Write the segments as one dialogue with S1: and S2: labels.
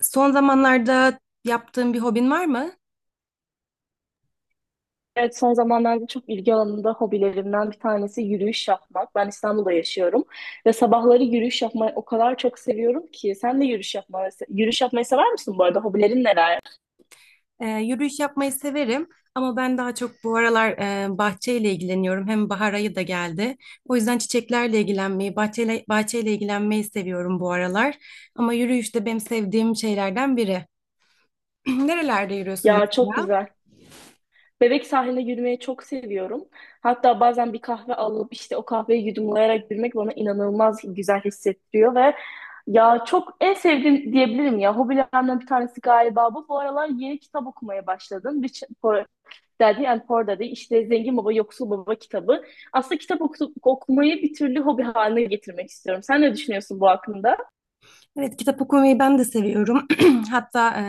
S1: Son zamanlarda yaptığın bir hobin var mı?
S2: Evet, son zamanlarda çok ilgi alanımda hobilerimden bir tanesi yürüyüş yapmak. Ben İstanbul'da yaşıyorum ve sabahları yürüyüş yapmayı o kadar çok seviyorum ki. Sen de yürüyüş yapmayı, yürüyüş yapmayı sever misin bu arada? Hobilerin neler?
S1: Yürüyüş yapmayı severim ama ben daha çok bu aralar bahçeyle ilgileniyorum. Hem bahar ayı da geldi. O yüzden çiçeklerle ilgilenmeyi, bahçeyle ilgilenmeyi seviyorum bu aralar. Ama yürüyüş de benim sevdiğim şeylerden biri. Nerelerde yürüyorsun
S2: Ya çok
S1: mesela?
S2: güzel. Bebek sahile yürümeyi çok seviyorum. Hatta bazen bir kahve alıp işte o kahveyi yudumlayarak yürümek bana inanılmaz güzel hissettiriyor ve ya çok en sevdiğim diyebilirim ya. Hobilerimden bir tanesi galiba bu. Bu aralar yeni kitap okumaya başladım. Rich Poor Daddy and Poor Daddy işte Zengin Baba Yoksul Baba kitabı. Aslında okumayı bir türlü hobi haline getirmek istiyorum. Sen ne düşünüyorsun bu hakkında?
S1: Evet, kitap okumayı ben de seviyorum. Hatta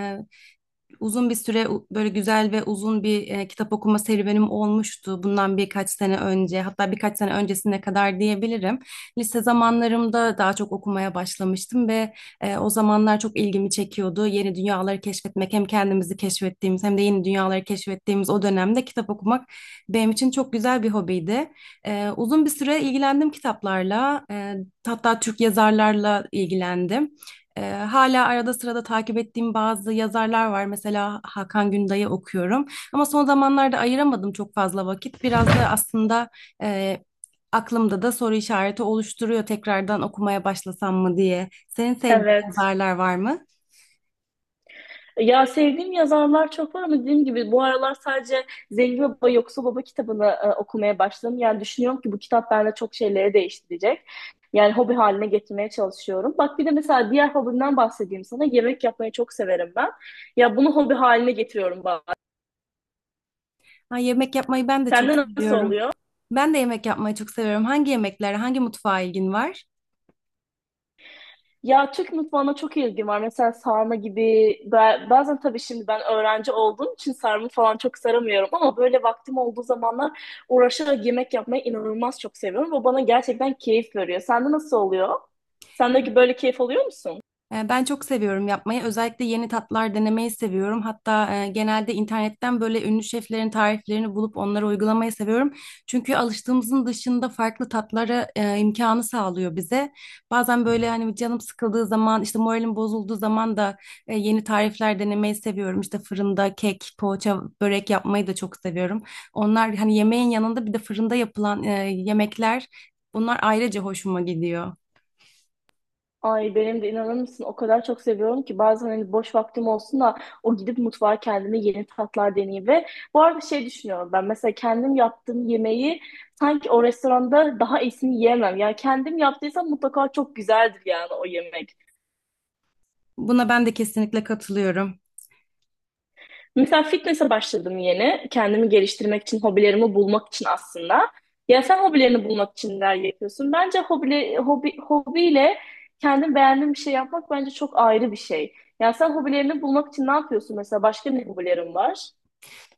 S1: uzun bir süre böyle güzel ve uzun bir kitap okuma serüvenim olmuştu bundan birkaç sene önce, hatta birkaç sene öncesine kadar diyebilirim. Lise zamanlarımda daha çok okumaya başlamıştım ve o zamanlar çok ilgimi çekiyordu. Yeni dünyaları keşfetmek, hem kendimizi keşfettiğimiz hem de yeni dünyaları keşfettiğimiz o dönemde kitap okumak benim için çok güzel bir hobiydi. Uzun bir süre ilgilendim kitaplarla, hatta Türk yazarlarla ilgilendim. Hala arada sırada takip ettiğim bazı yazarlar var. Mesela Hakan Günday'ı okuyorum. Ama son zamanlarda ayıramadım çok fazla vakit. Biraz da aslında e, aklımda da soru işareti oluşturuyor, tekrardan okumaya başlasam mı diye. Senin sevdiğin
S2: Evet.
S1: yazarlar var mı?
S2: Ya sevdiğim yazarlar çok var ama dediğim gibi bu aralar sadece Zengin Baba Yoksul Baba kitabını okumaya başladım. Yani düşünüyorum ki bu kitap bende çok şeyleri değiştirecek. Yani hobi haline getirmeye çalışıyorum. Bak bir de mesela diğer hobimden bahsedeyim sana. Yemek yapmayı çok severim ben. Ya bunu hobi haline getiriyorum bazen.
S1: Ha, yemek yapmayı ben de çok
S2: Sende nasıl
S1: seviyorum.
S2: oluyor?
S1: Ben de yemek yapmayı çok seviyorum. Hangi yemeklere, hangi mutfağa ilgin var?
S2: Ya Türk mutfağına çok ilgim var. Mesela sarma gibi bazen tabii şimdi ben öğrenci olduğum için sarma falan çok saramıyorum ama böyle vaktim olduğu zamanlar uğraşarak yemek yapmayı inanılmaz çok seviyorum. Bu bana gerçekten keyif veriyor. Sende nasıl oluyor? Sendeki böyle keyif alıyor musun?
S1: Ben çok seviyorum yapmayı. Özellikle yeni tatlar denemeyi seviyorum. Hatta genelde internetten böyle ünlü şeflerin tariflerini bulup onları uygulamayı seviyorum. Çünkü alıştığımızın dışında farklı tatlara imkanı sağlıyor bize. Bazen böyle hani canım sıkıldığı zaman, işte moralim bozulduğu zaman da yeni tarifler denemeyi seviyorum. İşte fırında kek, poğaça, börek yapmayı da çok seviyorum. Onlar hani yemeğin yanında bir de fırında yapılan yemekler, bunlar ayrıca hoşuma gidiyor.
S2: Ay benim de inanır mısın o kadar çok seviyorum ki bazen hani boş vaktim olsun da o gidip mutfağa kendime yeni tatlar deneyeyim ve bu arada şey düşünüyorum ben mesela kendim yaptığım yemeği sanki o restoranda daha iyisini yiyemem. Yani kendim yaptıysam mutlaka çok güzeldir yani o yemek.
S1: Buna ben de kesinlikle katılıyorum.
S2: Mesela fitness'e başladım yeni. Kendimi geliştirmek için, hobilerimi bulmak için aslında. Ya sen hobilerini bulmak için neler yapıyorsun? Bence hobiyle kendin beğendiğin bir şey yapmak bence çok ayrı bir şey. Ya sen hobilerini bulmak için ne yapıyorsun? Mesela başka ne hobilerin var?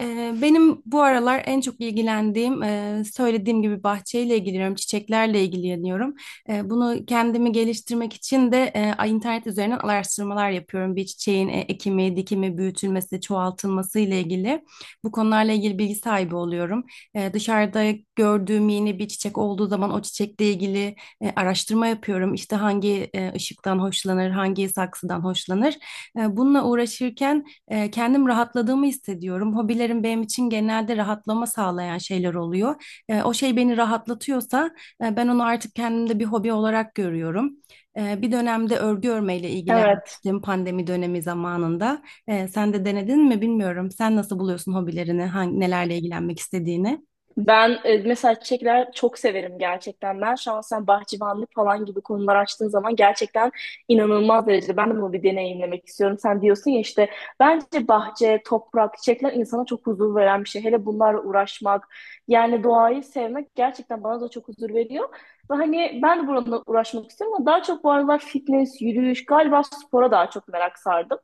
S1: Benim bu aralar en çok ilgilendiğim, söylediğim gibi bahçeyle ilgileniyorum, çiçeklerle ilgileniyorum. Bunu kendimi geliştirmek için de internet üzerinden araştırmalar yapıyorum. Bir çiçeğin ekimi, dikimi, büyütülmesi, çoğaltılması ile ilgili, bu konularla ilgili bilgi sahibi oluyorum. Dışarıda gördüğüm yeni bir çiçek olduğu zaman o çiçekle ilgili araştırma yapıyorum. İşte hangi ışıktan hoşlanır, hangi saksıdan hoşlanır. Bununla uğraşırken kendim rahatladığımı hissediyorum. Hobilerim benim için genelde rahatlama sağlayan şeyler oluyor. O şey beni rahatlatıyorsa ben onu artık kendimde bir hobi olarak görüyorum. Bir dönemde örgü örmeyle
S2: Evet.
S1: ilgilenmiştim pandemi dönemi zamanında. Sen de denedin mi bilmiyorum. Sen nasıl buluyorsun hobilerini, hangi, nelerle ilgilenmek istediğini?
S2: Ben mesela çiçekler çok severim gerçekten. Ben şahsen bahçıvanlık falan gibi konular açtığın zaman gerçekten inanılmaz derecede ben de bunu bir deneyimlemek istiyorum. Sen diyorsun ya işte bence bahçe, toprak, çiçekler insana çok huzur veren bir şey. Hele bunlarla uğraşmak yani doğayı sevmek gerçekten bana da çok huzur veriyor. Ve hani ben de bununla uğraşmak istiyorum ama daha çok bu aralar fitness, yürüyüş, galiba spora daha çok merak sardım.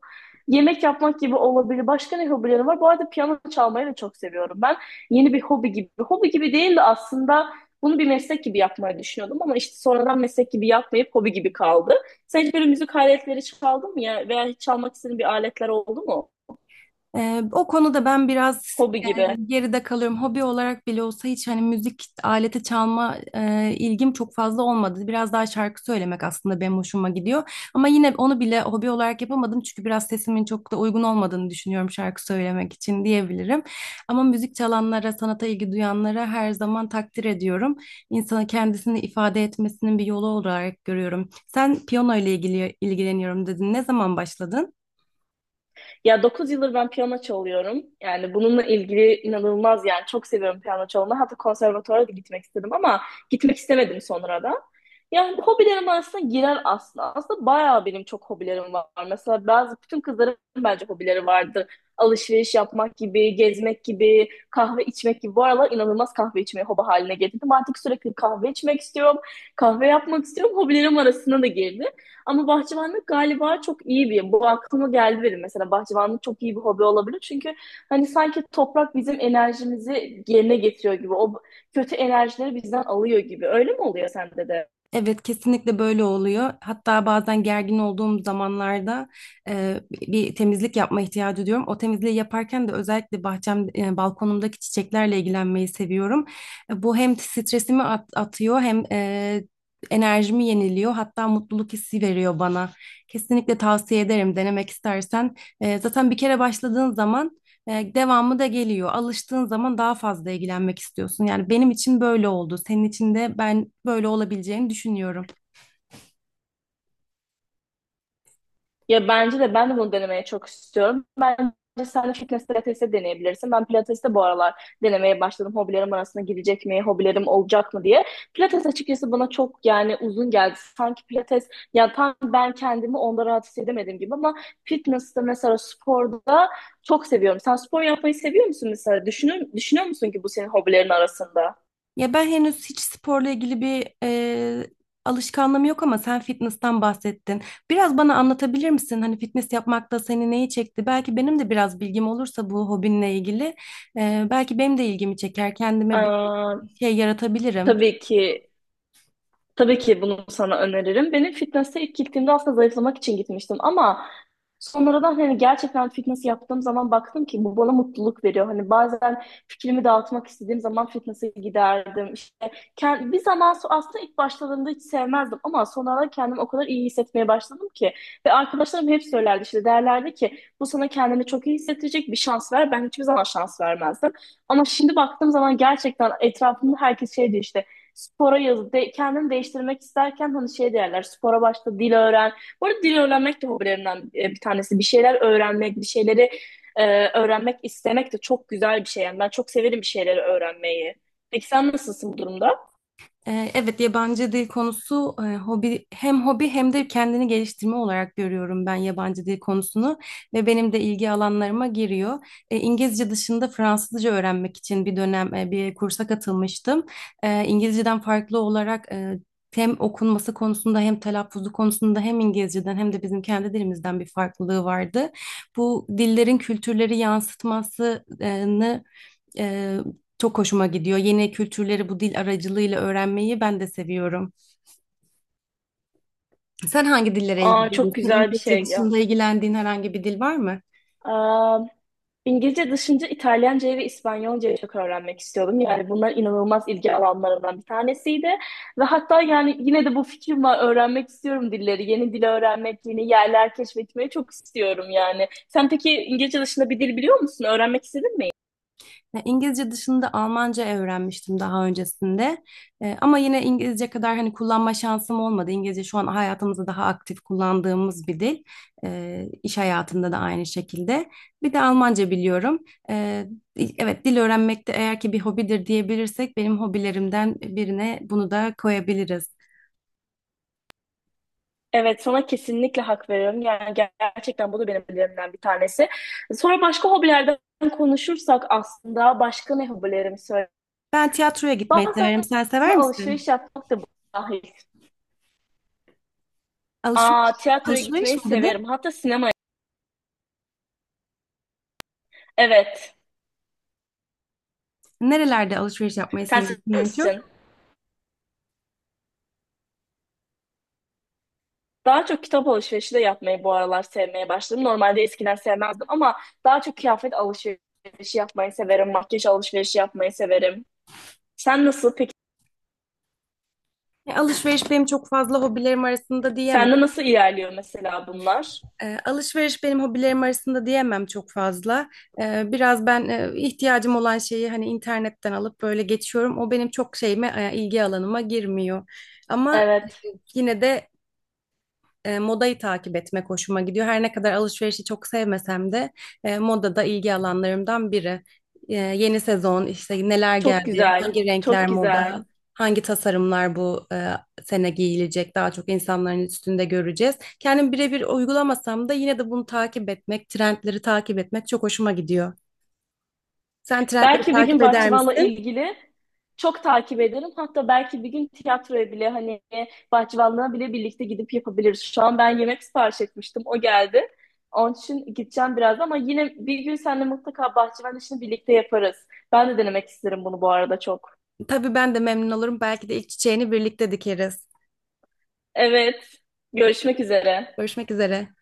S2: Yemek yapmak gibi olabilir. Başka ne hobilerim var? Bu arada piyano çalmayı da çok seviyorum. Yeni bir hobi gibi. Hobi gibi değil de aslında bunu bir meslek gibi yapmayı düşünüyordum ama işte sonradan meslek gibi yapmayıp hobi gibi kaldı. Sen hiç böyle müzik aletleri çaldın mı ya veya hiç çalmak istediğin bir aletler oldu mu?
S1: O konuda ben biraz
S2: Hobi gibi.
S1: geride kalıyorum. Hobi olarak bile olsa hiç hani müzik aleti çalma ilgim çok fazla olmadı. Biraz daha şarkı söylemek aslında benim hoşuma gidiyor. Ama yine onu bile hobi olarak yapamadım çünkü biraz sesimin çok da uygun olmadığını düşünüyorum şarkı söylemek için diyebilirim. Ama müzik çalanlara, sanata ilgi duyanlara her zaman takdir ediyorum. İnsanın kendisini ifade etmesinin bir yolu olarak görüyorum. Sen piyano ile ilgili ilgileniyorum dedin. Ne zaman başladın?
S2: Ya 9 yıldır ben piyano çalıyorum. Yani bununla ilgili inanılmaz yani çok seviyorum piyano çalmayı. Hatta konservatuvara da gitmek istedim ama gitmek istemedim sonra da. Yani hobilerim arasında girer aslında. Aslında bayağı benim çok hobilerim var. Mesela bazı bütün kızların bence hobileri vardır. Alışveriş yapmak gibi, gezmek gibi, kahve içmek gibi. Bu aralar inanılmaz kahve içmeyi hobi haline getirdim. Artık sürekli kahve içmek istiyorum, kahve yapmak istiyorum. Hobilerim arasına da girdi. Ama bahçıvanlık galiba çok iyi bir, bu aklıma geldi benim mesela bahçıvanlık çok iyi bir hobi olabilir. Çünkü hani sanki toprak bizim enerjimizi yerine getiriyor gibi, o kötü enerjileri bizden alıyor gibi. Öyle mi oluyor sende de?
S1: Evet, kesinlikle böyle oluyor. Hatta bazen gergin olduğum zamanlarda bir temizlik yapma ihtiyacı duyuyorum. O temizliği yaparken de özellikle bahçem, balkonumdaki çiçeklerle ilgilenmeyi seviyorum. Bu hem stresimi atıyor hem enerjimi yeniliyor. Hatta mutluluk hissi veriyor bana. Kesinlikle tavsiye ederim denemek istersen. Zaten bir kere başladığın zaman devamı da geliyor. Alıştığın zaman daha fazla ilgilenmek istiyorsun. Yani benim için böyle oldu. Senin için de ben böyle olabileceğini düşünüyorum.
S2: Ya bence de ben de bunu denemeye çok istiyorum. Bence sen de fitness pilatesi deneyebilirsin. Ben pilatesi de bu aralar denemeye başladım. Hobilerim arasına girecek mi, hobilerim olacak mı diye. Pilates açıkçası bana çok yani uzun geldi. Sanki pilates ya tam ben kendimi onda rahat hissedemedim gibi ama fitness'te mesela sporda çok seviyorum. Sen spor yapmayı seviyor musun mesela? Düşünüyor musun ki bu senin hobilerin arasında?
S1: Ya ben henüz hiç sporla ilgili bir alışkanlığım yok ama sen fitness'tan bahsettin. Biraz bana anlatabilir misin? Hani fitness yapmakta seni neyi çekti? Belki benim de biraz bilgim olursa bu hobinle ilgili, belki benim de ilgimi çeker. Kendime bir
S2: Aa,
S1: şey yaratabilirim.
S2: tabii ki Tabii ki bunu sana öneririm. Benim fitness'e ilk gittiğimde aslında zayıflamak için gitmiştim ama sonradan hani gerçekten fitness yaptığım zaman baktım ki bu bana mutluluk veriyor. Hani bazen fikrimi dağıtmak istediğim zaman fitness'e giderdim. İşte aslında ilk başladığımda hiç sevmezdim ama sonradan kendimi o kadar iyi hissetmeye başladım ki ve arkadaşlarım hep söylerdi işte derlerdi ki bu sana kendini çok iyi hissettirecek bir şans ver. Ben hiçbir zaman şans vermezdim. Ama şimdi baktığım zaman gerçekten etrafımda herkes şey diyor işte spora yaz, de, kendini değiştirmek isterken hani şey derler, spora başla, dil öğren. Bu arada dil öğrenmek de hobilerimden bir tanesi. Bir şeyler öğrenmek, bir şeyleri öğrenmek istemek de çok güzel bir şey. Yani ben çok severim bir şeyleri öğrenmeyi. Peki sen nasılsın bu durumda?
S1: Evet, yabancı dil konusu, hobi, hem hobi hem de kendini geliştirme olarak görüyorum ben yabancı dil konusunu ve benim de ilgi alanlarıma giriyor. İngilizce dışında Fransızca öğrenmek için bir dönem bir kursa katılmıştım. İngilizceden farklı olarak hem okunması konusunda hem telaffuzu konusunda hem İngilizceden hem de bizim kendi dilimizden bir farklılığı vardı. Bu dillerin kültürleri yansıtmasını ee, çok hoşuma gidiyor. Yeni kültürleri bu dil aracılığıyla öğrenmeyi ben de seviyorum. Sen hangi dillere
S2: Aa, çok
S1: ilgileniyorsun?
S2: güzel bir
S1: İngilizce
S2: şey ya.
S1: dışında ilgilendiğin herhangi bir dil var mı?
S2: Aa, İngilizce dışında İtalyancayı ve İspanyolcayı çok öğrenmek istiyordum. Yani bunlar inanılmaz ilgi alanlarımdan bir tanesiydi. Ve hatta yani yine de bu fikrim var. Öğrenmek istiyorum dilleri. Yeni dil öğrenmek, yeni yerler keşfetmeyi çok istiyorum yani. Sen peki İngilizce dışında bir dil biliyor musun? Öğrenmek istedin mi?
S1: İngilizce dışında Almanca öğrenmiştim daha öncesinde. Ama yine İngilizce kadar hani kullanma şansım olmadı. İngilizce şu an hayatımızda daha aktif kullandığımız bir dil. İş hayatında da aynı şekilde. Bir de Almanca biliyorum. E, evet, dil öğrenmek de, eğer ki bir hobidir diyebilirsek, benim hobilerimden birine bunu da koyabiliriz.
S2: Evet, sana kesinlikle hak veriyorum. Yani gerçekten bu da benim hobilerimden bir tanesi. Sonra başka hobilerden konuşursak aslında başka ne hobilerimi söyle.
S1: Ben tiyatroya gitmeyi
S2: Bazen
S1: severim. Sen
S2: aslında
S1: sever misin?
S2: alışveriş yapmak da dahil. Aa,
S1: Alışveriş,
S2: tiyatroya
S1: alışveriş
S2: gitmeyi
S1: mi
S2: severim.
S1: dedin?
S2: Hatta sinemaya. Evet.
S1: Nerelerde alışveriş yapmayı
S2: Sen sever
S1: seviyorsun en
S2: misin?
S1: çok?
S2: Daha çok kitap alışverişi de yapmayı bu aralar sevmeye başladım. Normalde eskiden sevmezdim ama daha çok kıyafet alışverişi yapmayı severim. Makyaj alışverişi yapmayı severim. Sen nasıl peki?
S1: Alışveriş benim çok fazla hobilerim arasında diyemem.
S2: Sende nasıl ilerliyor mesela bunlar?
S1: Alışveriş benim hobilerim arasında diyemem çok fazla. Biraz ben ihtiyacım olan şeyi hani internetten alıp böyle geçiyorum. O benim çok şeyime, ilgi alanıma girmiyor. Ama
S2: Evet.
S1: yine de modayı takip etmek hoşuma gidiyor. Her ne kadar alışverişi çok sevmesem de moda da ilgi alanlarımdan biri. Yeni sezon işte neler
S2: Çok
S1: geldi,
S2: güzel.
S1: hangi
S2: Çok
S1: renkler
S2: güzel.
S1: moda, hangi tasarımlar bu sene giyilecek, daha çok insanların üstünde göreceğiz. Kendim birebir uygulamasam da yine de bunu takip etmek, trendleri takip etmek çok hoşuma gidiyor. Sen trendleri
S2: Belki bir gün
S1: takip eder
S2: bahçıvanla
S1: misin?
S2: ilgili çok takip ederim. Hatta belki bir gün tiyatroya bile hani bahçıvanlığa bile birlikte gidip yapabiliriz. Şu an ben yemek sipariş etmiştim. O geldi. Onun için gideceğim biraz ama yine bir gün seninle mutlaka bahçıvan işini birlikte yaparız. Ben de denemek isterim bunu bu arada çok.
S1: Tabii ben de memnun olurum. Belki de ilk çiçeğini birlikte dikeriz.
S2: Evet. Görüşmek üzere.
S1: Görüşmek üzere.